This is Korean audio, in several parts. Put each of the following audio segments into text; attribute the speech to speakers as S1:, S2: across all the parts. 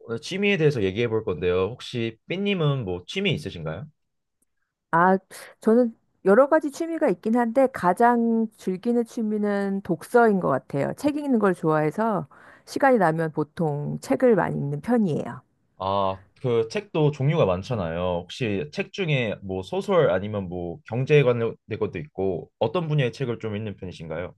S1: 오늘 취미에 대해서 얘기해 볼 건데요. 혹시 삐님은 뭐 취미 있으신가요?
S2: 아, 저는 여러 가지 취미가 있긴 한데 가장 즐기는 취미는 독서인 것 같아요. 책 읽는 걸 좋아해서 시간이 나면 보통 책을 많이 읽는 편이에요.
S1: 아, 그 책도 종류가 많잖아요. 혹시 책 중에 뭐 소설 아니면 뭐 경제에 관련된 것도 있고 어떤 분야의 책을 좀 읽는 편이신가요?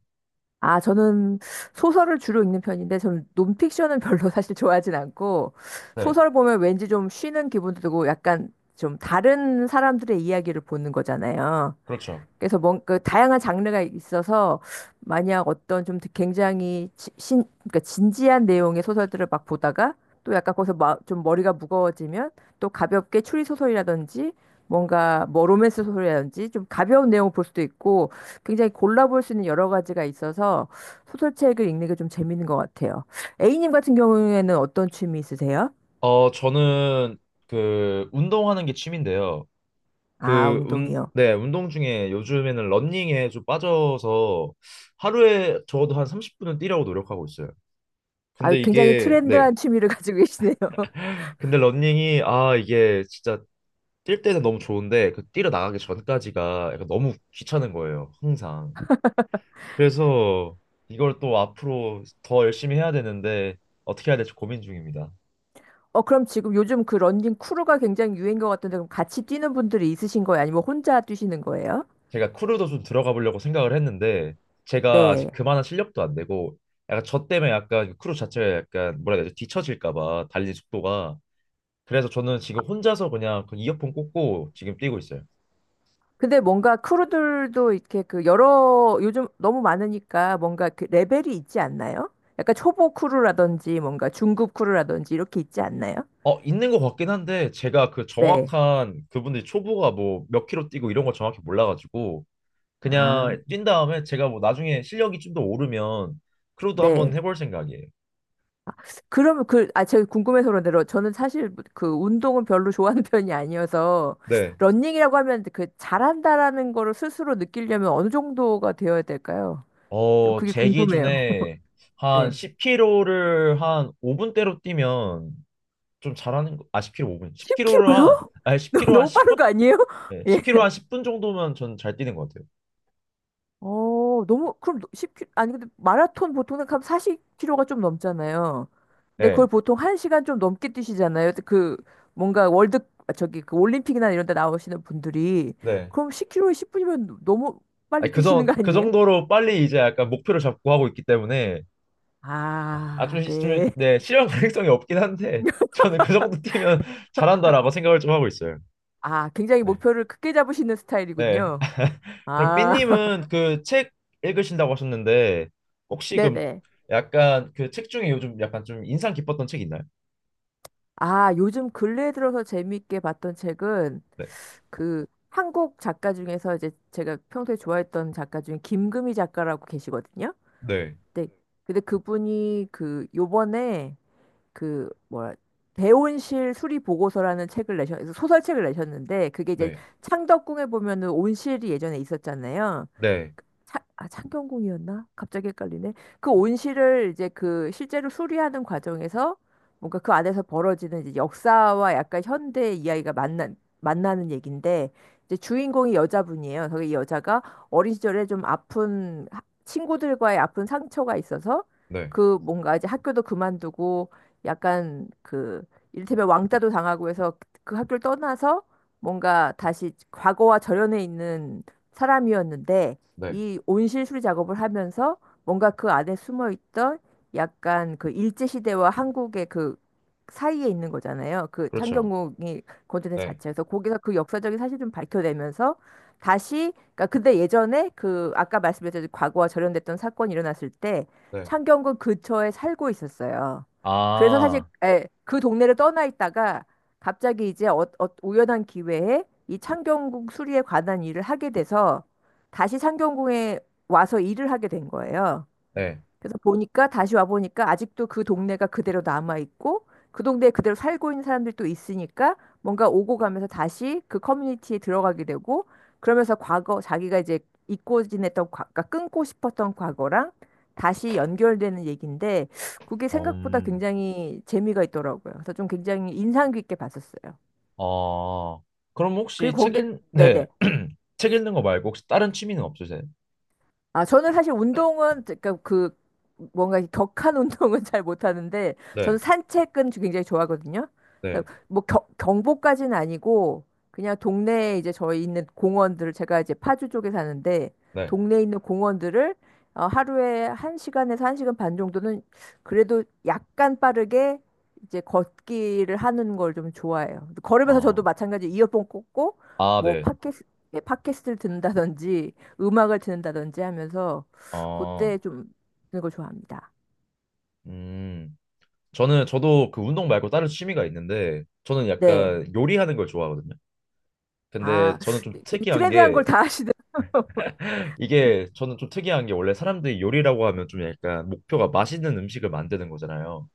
S2: 아, 저는 소설을 주로 읽는 편인데 저는 논픽션은 별로 사실 좋아하진 않고
S1: 네.
S2: 소설 보면 왠지 좀 쉬는 기분도 들고 약간 좀 다른 사람들의 이야기를 보는 거잖아요.
S1: 그렇죠.
S2: 그래서 뭔그 다양한 장르가 있어서 만약 어떤 좀 굉장히 지- 신 그러니까 진지한 내용의 소설들을 막 보다가 또 약간 거기서 좀 머리가 무거워지면 또 가볍게 추리 소설이라든지 뭔가 뭐 로맨스 소설이라든지 좀 가벼운 내용을 볼 수도 있고 굉장히 골라볼 수 있는 여러 가지가 있어서 소설책을 읽는 게 좀 재밌는 것 같아요. A님 같은 경우에는 어떤 취미 있으세요?
S1: 어, 저는 그 운동하는 게 취미인데요.
S2: 아, 운동이요.
S1: 네, 운동 중에 요즘에는 러닝에 좀 빠져서 하루에 적어도 한 30분은 뛰려고 노력하고 있어요.
S2: 아,
S1: 근데
S2: 굉장히
S1: 이게 네.
S2: 트렌드한 취미를 가지고 계시네요.
S1: 근데 러닝이 아 이게 진짜 뛸 때는 너무 좋은데 그 뛰러 나가기 전까지가 약간 너무 귀찮은 거예요. 항상. 그래서 이걸 또 앞으로 더 열심히 해야 되는데 어떻게 해야 될지 고민 중입니다.
S2: 어, 그럼 지금 요즘 그 런닝 크루가 굉장히 유행인 것 같은데, 그럼 같이 뛰는 분들이 있으신 거예요? 아니면 혼자 뛰시는 거예요?
S1: 제가 크루도 좀 들어가 보려고 생각을 했는데 제가 아직
S2: 네.
S1: 그만한 실력도 안 되고 약간 저 때문에 약간 그 크루 자체가 약간 뭐라 해야 되지? 뒤처질까 봐 달리는 속도가. 그래서 저는 지금 혼자서 그냥 그 이어폰 꽂고 지금 뛰고 있어요.
S2: 근데 뭔가 크루들도 이렇게 그 여러, 요즘 너무 많으니까 뭔가 그 레벨이 있지 않나요? 약간 초보 크루라든지 뭔가 중급 크루라든지 이렇게 있지 않나요?
S1: 어, 있는 것 같긴 한데 제가 그
S2: 네.
S1: 정확한 그분들이 초보가 뭐 몇 킬로 뛰고 이런 걸 정확히 몰라가지고
S2: 아,
S1: 그냥 뛴 다음에 제가 뭐 나중에 실력이 좀 더 오르면 크루도 한번
S2: 네.
S1: 해볼 생각이에요.
S2: 그러면 그, 아, 제가 궁금해서 그런데 저는 사실 그 운동은 별로 좋아하는 편이 아니어서
S1: 네.
S2: 런닝이라고 하면 그 잘한다라는 거를 스스로 느끼려면 어느 정도가 되어야 될까요? 좀
S1: 어,
S2: 그게
S1: 제
S2: 궁금해요.
S1: 기준에 한
S2: 네.
S1: 10km를 한 5분대로 뛰면 좀 잘하는 거. 아, 10km 5분. 10km를 한
S2: 10km요?
S1: 아니 10km 한
S2: 너무 빠른
S1: 10분.
S2: 거 아니에요?
S1: 네,
S2: 예.
S1: 10km 한 10분 정도면 전 잘 뛰는 것 같아요.
S2: 어, 너무, 그럼 10km, 아니, 근데 마라톤 보통 하면 40km가 좀 넘잖아요. 근데 그걸
S1: 네.
S2: 보통 1시간 좀 넘게 뛰시잖아요. 그, 뭔가 월드, 아, 저기, 그 올림픽이나 이런 데 나오시는 분들이.
S1: 네.
S2: 그럼 10km에 10분이면 너무
S1: 아니,
S2: 빨리 뛰시는 거
S1: 그
S2: 아니에요?
S1: 정도로 빨리 이제 약간 목표를 잡고 하고 있기 때문에 아,
S2: 아,
S1: 좀
S2: 네.
S1: 네, 실현 가능성이 없긴 한데 저는 그 정도 뛰면 잘한다라고 생각을 좀 하고 있어요.
S2: 아, 굉장히
S1: 네.
S2: 목표를 크게 잡으시는
S1: 네.
S2: 스타일이군요.
S1: 그럼
S2: 아,
S1: 삐님은 그 책 읽으신다고 하셨는데 혹시 그럼
S2: 네네.
S1: 약간 그 책 중에 요즘 약간 좀 인상 깊었던 책 있나요?
S2: 아, 요즘 근래에 들어서 재미있게 봤던 책은
S1: 네,
S2: 그 한국 작가 중에서 이제 제가 평소에 좋아했던 작가 중에 김금희 작가라고 계시거든요.
S1: 네,
S2: 근데, 근데 그분이 그 요번에 그 뭐라 대온실 수리 보고서라는 책을 내셨 소설책을 내셨는데 그게 이제
S1: 네,
S2: 창덕궁에 보면은 온실이 예전에 있었잖아요.
S1: 네,
S2: 그 창경궁이었나? 갑자기 헷갈리네. 그 온실을 이제 그 실제로 수리하는 과정에서 뭔가 그 안에서 벌어지는 이제 역사와 약간 현대 이야기가 만나는 얘기인데 이제 주인공이 여자분이에요. 그래서 이 여자가 어린 시절에 좀 아픈 친구들과의 아픈 상처가 있어서
S1: 네,
S2: 그 뭔가 이제 학교도 그만두고 약간 그 이를테면 왕따도 당하고 해서 그 학교를 떠나서 뭔가 다시 과거와 절연해 있는 사람이었는데
S1: 네,
S2: 이 온실 수리 작업을 하면서 뭔가 그 안에 숨어 있던 약간 그 일제 시대와 한국의 그 사이에 있는 거잖아요. 그
S1: 그렇죠.
S2: 창경궁이 건드린
S1: 네,
S2: 자체에서 거기서 그 역사적인 사실 좀 밝혀내면서 다시 그러니까 근데 예전에 그 아까 말씀드렸듯이 과거와 절연됐던 사건이 일어났을 때
S1: 네,
S2: 창경궁 근처에 살고 있었어요. 그래서 사실
S1: 아,
S2: 예, 그 동네를 떠나 있다가 갑자기 이제 우연한 기회에 이 창경궁 수리에 관한 일을 하게 돼서 다시 창경궁에 와서 일을 하게 된 거예요.
S1: 네,
S2: 그래서 보니까 다시 와 보니까 아직도 그 동네가 그대로 남아 있고 그 동네에 그대로 살고 있는 사람들이 또 있으니까 뭔가 오고 가면서 다시 그 커뮤니티에 들어가게 되고 그러면서 과거 자기가 이제 잊고 지냈던 과, 그 끊고 싶었던 과거랑 다시 연결되는 얘기인데 그게 생각보다
S1: 음,
S2: 굉장히 재미가 있더라고요. 그래서 좀 굉장히 인상 깊게 봤었어요.
S1: 어, 그럼 혹시
S2: 그리고
S1: 책
S2: 거기
S1: 읽, 네,
S2: 네네.
S1: 책 읽는 거 말고 혹시 다른 취미는 없으세요?
S2: 아, 저는 사실 운동은, 그러니까 그, 뭔가 격한 운동은 잘 못하는데,
S1: 네,
S2: 저는 산책은 굉장히 좋아하거든요.
S1: 네,
S2: 그래서 뭐 경보까지는 아니고, 그냥 동네에 이제 저희 있는 공원들을, 제가 이제 파주 쪽에 사는데,
S1: 네,
S2: 동네에 있는 공원들을 어, 하루에 한시간에서한시간반 정도는 그래도 약간 빠르게 이제 걷기를 하는 걸 좀 좋아해요. 걸으면서 저도
S1: 어,
S2: 마찬가지 이어폰 꽂고,
S1: 아,
S2: 뭐
S1: 네,
S2: 팟캐스트를 듣는다든지, 음악을 듣는다든지 하면서
S1: 어,
S2: 그때 좀 듣는 걸 좋아합니다.
S1: 음, 저는 저도 그 운동 말고 다른 취미가 있는데 저는
S2: 네.
S1: 약간 요리하는 걸 좋아하거든요. 근데
S2: 아,
S1: 저는 좀
S2: 그
S1: 특이한
S2: 트렌디한
S1: 게
S2: 걸 다 하시네.
S1: 이게 저는 좀 특이한 게 원래 사람들이 요리라고 하면 좀 약간 목표가 맛있는 음식을 만드는 거잖아요.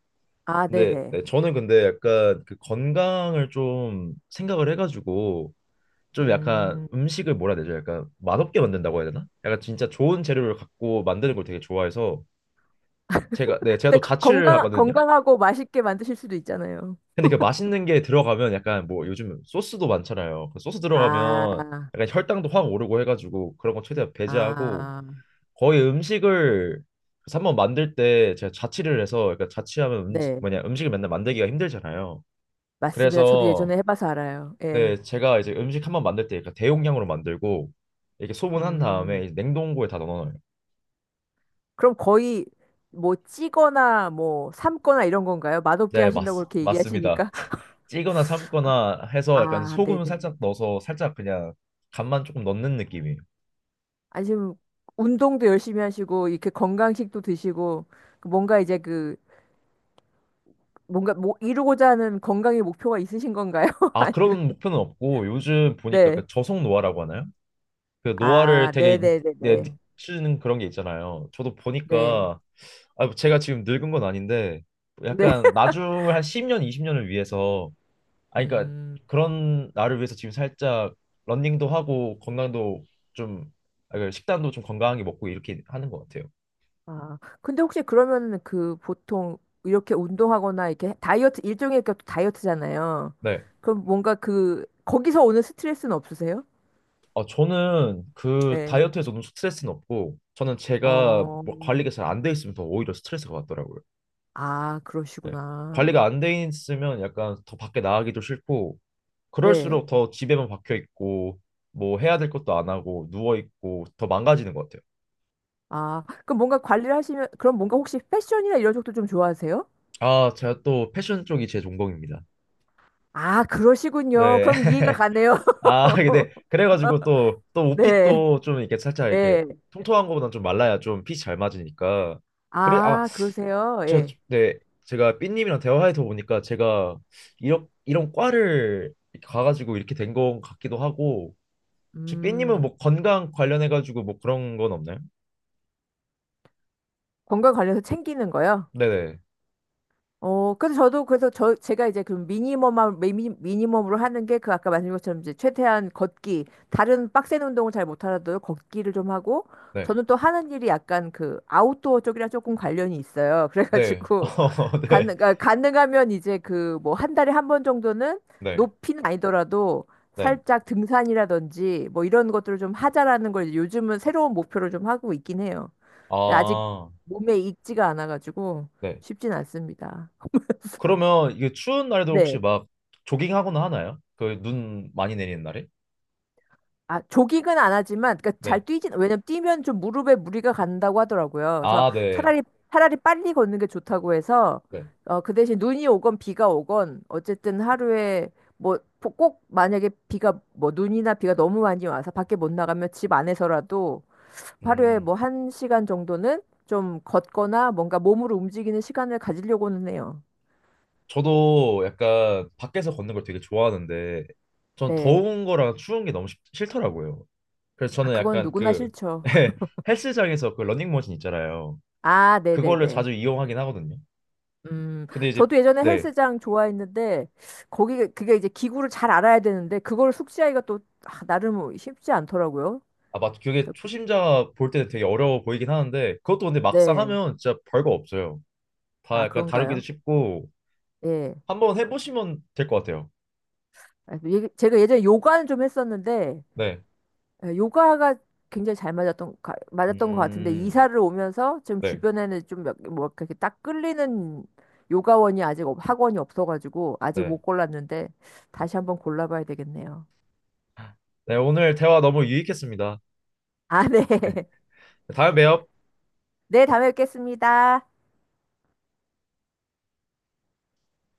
S2: 아,
S1: 근데
S2: 네네.
S1: 네, 저는 근데 약간 그 건강을 좀 생각을 해가지고 좀 약간
S2: 음.
S1: 음식을 뭐라 해야 되죠? 약간 맛없게 만든다고 해야 되나? 약간 진짜 좋은 재료를 갖고 만드는 걸 되게 좋아해서 제가 네, 제가
S2: 근데
S1: 또
S2: 그
S1: 자취를 하거든요.
S2: 건강하고 맛있게 만드실 수도 있잖아요.
S1: 근데 그 맛있는 게 들어가면 약간 뭐 요즘 소스도 많잖아요. 그 소스 들어가면
S2: 아,
S1: 약간 혈당도 확 오르고 해가지고 그런 거 최대한 배제하고
S2: 아,
S1: 거의 음식을 그래서 한번 만들 때 제가 자취를 해서 그러니까 자취하면
S2: 네.
S1: 뭐냐 음식을 맨날 만들기가 힘들잖아요.
S2: 맞습니다. 저도
S1: 그래서,
S2: 예전에 해봐서 알아요.
S1: 네,
S2: 예.
S1: 제가 이제 음식 한 번 만들 때 그러니까 대용량으로 만들고 이렇게 소분한
S2: 음.
S1: 다음에 이제 냉동고에 다 넣어놔요.
S2: 그럼 거의 뭐 찌거나 뭐 삶거나 이런 건가요? 맛없게
S1: 네,
S2: 하신다고 그렇게
S1: 맞습니다.
S2: 얘기하시니까.
S1: 찌거나 삶거나 해서 약간
S2: 아,
S1: 소금을
S2: 네네.
S1: 살짝 넣어서 살짝 그냥 간만 조금 넣는 느낌이에요.
S2: 아니, 지금 운동도 열심히 하시고, 이렇게 건강식도 드시고, 그 뭔가 이제 그, 뭔가 뭐 이루고자 하는 건강의 목표가 있으신 건가요?
S1: 아,
S2: 아니면,
S1: 그런 목표는 없고 요즘 보니까
S2: 네.
S1: 그 저속 노화라고 하나요? 그 노화를
S2: 아,
S1: 되게 네,
S2: 네네네네.
S1: 느끼는 그런 게 있잖아요. 저도
S2: 네.
S1: 보니까 아, 뭐 제가 지금 늙은 건 아닌데
S2: 네.
S1: 약간 나중을 한 10년, 20년을 위해서 아니 그러니까
S2: 음.
S1: 그런 나를 위해서 지금 살짝 러닝도 하고 건강도 좀 아, 그 식단도 좀 건강하게 먹고 이렇게 하는 것 같아요.
S2: 아, 근데 혹시 그러면 그 보통 이렇게 운동하거나 이렇게 다이어트, 일종의 그 다이어트잖아요.
S1: 네.
S2: 그럼 뭔가 그, 거기서 오는 스트레스는 없으세요?
S1: 어, 저는 그
S2: 네.
S1: 다이어트에서 너무 스트레스는 없고 저는 제가
S2: 어,
S1: 뭐 관리가 잘 안 돼 있으면 더 오히려 스트레스가 받더라고요.
S2: 아,
S1: 네. 관리가
S2: 그러시구나.
S1: 안 돼 있으면 약간 더 밖에 나가기도 싫고 그럴수록
S2: 네.
S1: 더 집에만 박혀 있고 뭐 해야 될 것도 안 하고 누워 있고 더 망가지는 것 같아요.
S2: 아, 그럼 뭔가 관리를 하시면, 그럼 뭔가 혹시 패션이나 이런 쪽도 좀 좋아하세요?
S1: 아, 제가 또 패션 쪽이 제 전공입니다.
S2: 아, 그러시군요.
S1: 네.
S2: 그럼 이해가 가네요.
S1: 아, 근데 그래가지고 또 또
S2: 네,
S1: 옷핏도 좀 이렇게 살짝 이렇게
S2: 네.
S1: 통통한 거보다좀 말라야 좀 핏이 잘 맞으니까. 그래 아,
S2: 아, 그러세요.
S1: 저
S2: 예.
S1: 네. 제가 삐님이랑 대화해서 보니까 제가 이런 이런 과를 이렇게 가가지고 이렇게 된 것 같기도 하고 혹시 삐님은
S2: 음,
S1: 뭐 건강 관련해가지고 뭐 그런 건 없나요?
S2: 건강 관련해서 챙기는 거요?
S1: 네네.
S2: 어, 그래서 저도 그래서 저 제가 이제 그 미니멈한 미니멈으로 하는 게 그 아까 말씀드린 것처럼 이제 최대한 걷기 다른 빡센 운동을 잘 못하더라도 걷기를 좀 하고
S1: 네.
S2: 저는 또 하는 일이 약간 그 아웃도어 쪽이랑 조금 관련이 있어요.
S1: 네.
S2: 그래가지고
S1: 어, 네.
S2: 가능하면 이제 그 뭐 한 달에 한 번 정도는
S1: 네.
S2: 높이는 아니더라도
S1: 네.
S2: 살짝 등산이라든지 뭐 이런 것들을 좀 하자라는 걸 이제 요즘은 새로운 목표를 좀 하고 있긴 해요. 근데 아직
S1: 아,
S2: 몸에 익지가 않아가지고
S1: 네.
S2: 쉽진 않습니다.
S1: 그러면 이게 추운 날도 혹시
S2: 네.
S1: 막 조깅하거나 하나요? 그 눈 많이 내리는 날에?
S2: 아, 조깅은 안 하지만, 그러니까 잘
S1: 네.
S2: 뛰진, 왜냐면 뛰면 좀 무릎에 무리가 간다고 하더라고요. 그래서
S1: 아, 네.
S2: 차라리, 차라리 빨리 걷는 게 좋다고 해서,
S1: 네.
S2: 어, 그 대신 눈이 오건 비가 오건, 어쨌든 하루에, 뭐, 꼭 만약에 비가, 뭐, 눈이나 비가 너무 많이 와서 밖에 못 나가면 집 안에서라도 하루에
S1: 음.
S2: 뭐, 한 시간 정도는 좀 걷거나 뭔가 몸으로 움직이는 시간을 가지려고는 해요.
S1: 저도 약간 밖에서 걷는 걸 되게 좋아하는데 전
S2: 네.
S1: 더운 거랑 추운 게 너무 싫더라고요. 그래서
S2: 아,
S1: 저는
S2: 그건
S1: 약간
S2: 누구나
S1: 그
S2: 싫죠.
S1: 헬스장에서 그 러닝머신 있잖아요.
S2: 아,
S1: 그거를
S2: 네네네.
S1: 자주 이용하긴 하거든요.
S2: 음,
S1: 근데 이제
S2: 저도 예전에
S1: 네.
S2: 헬스장 좋아했는데, 거기, 그게 이제 기구를 잘 알아야 되는데, 그걸 숙지하기가 또, 아, 나름 쉽지 않더라고요.
S1: 아, 맞. 그게 초심자 볼 때는 되게 어려워 보이긴 하는데 그것도 근데 막상
S2: 네.
S1: 하면 진짜 별거 없어요. 다
S2: 아,
S1: 약간 다루기도
S2: 그런가요?
S1: 쉽고
S2: 예.
S1: 한번 해보시면 될 것 같아요.
S2: 아, 예- 제가 예전에 요가는 좀 했었는데,
S1: 네.
S2: 예, 요가가 굉장히 잘 맞았던 것 같은데,
S1: 음.
S2: 이사를 오면서 지금
S1: 네.
S2: 주변에는 좀 몇, 뭐, 이렇게 딱 끌리는 요가원이 아직, 학원이 없어가지고, 아직
S1: 네.
S2: 못 골랐는데, 다시 한번 골라봐야 되겠네요.
S1: 네. 오늘 대화 너무 유익했습니다.
S2: 아, 네.
S1: 네. 다음에 봬요.
S2: 네, 다음에 뵙겠습니다.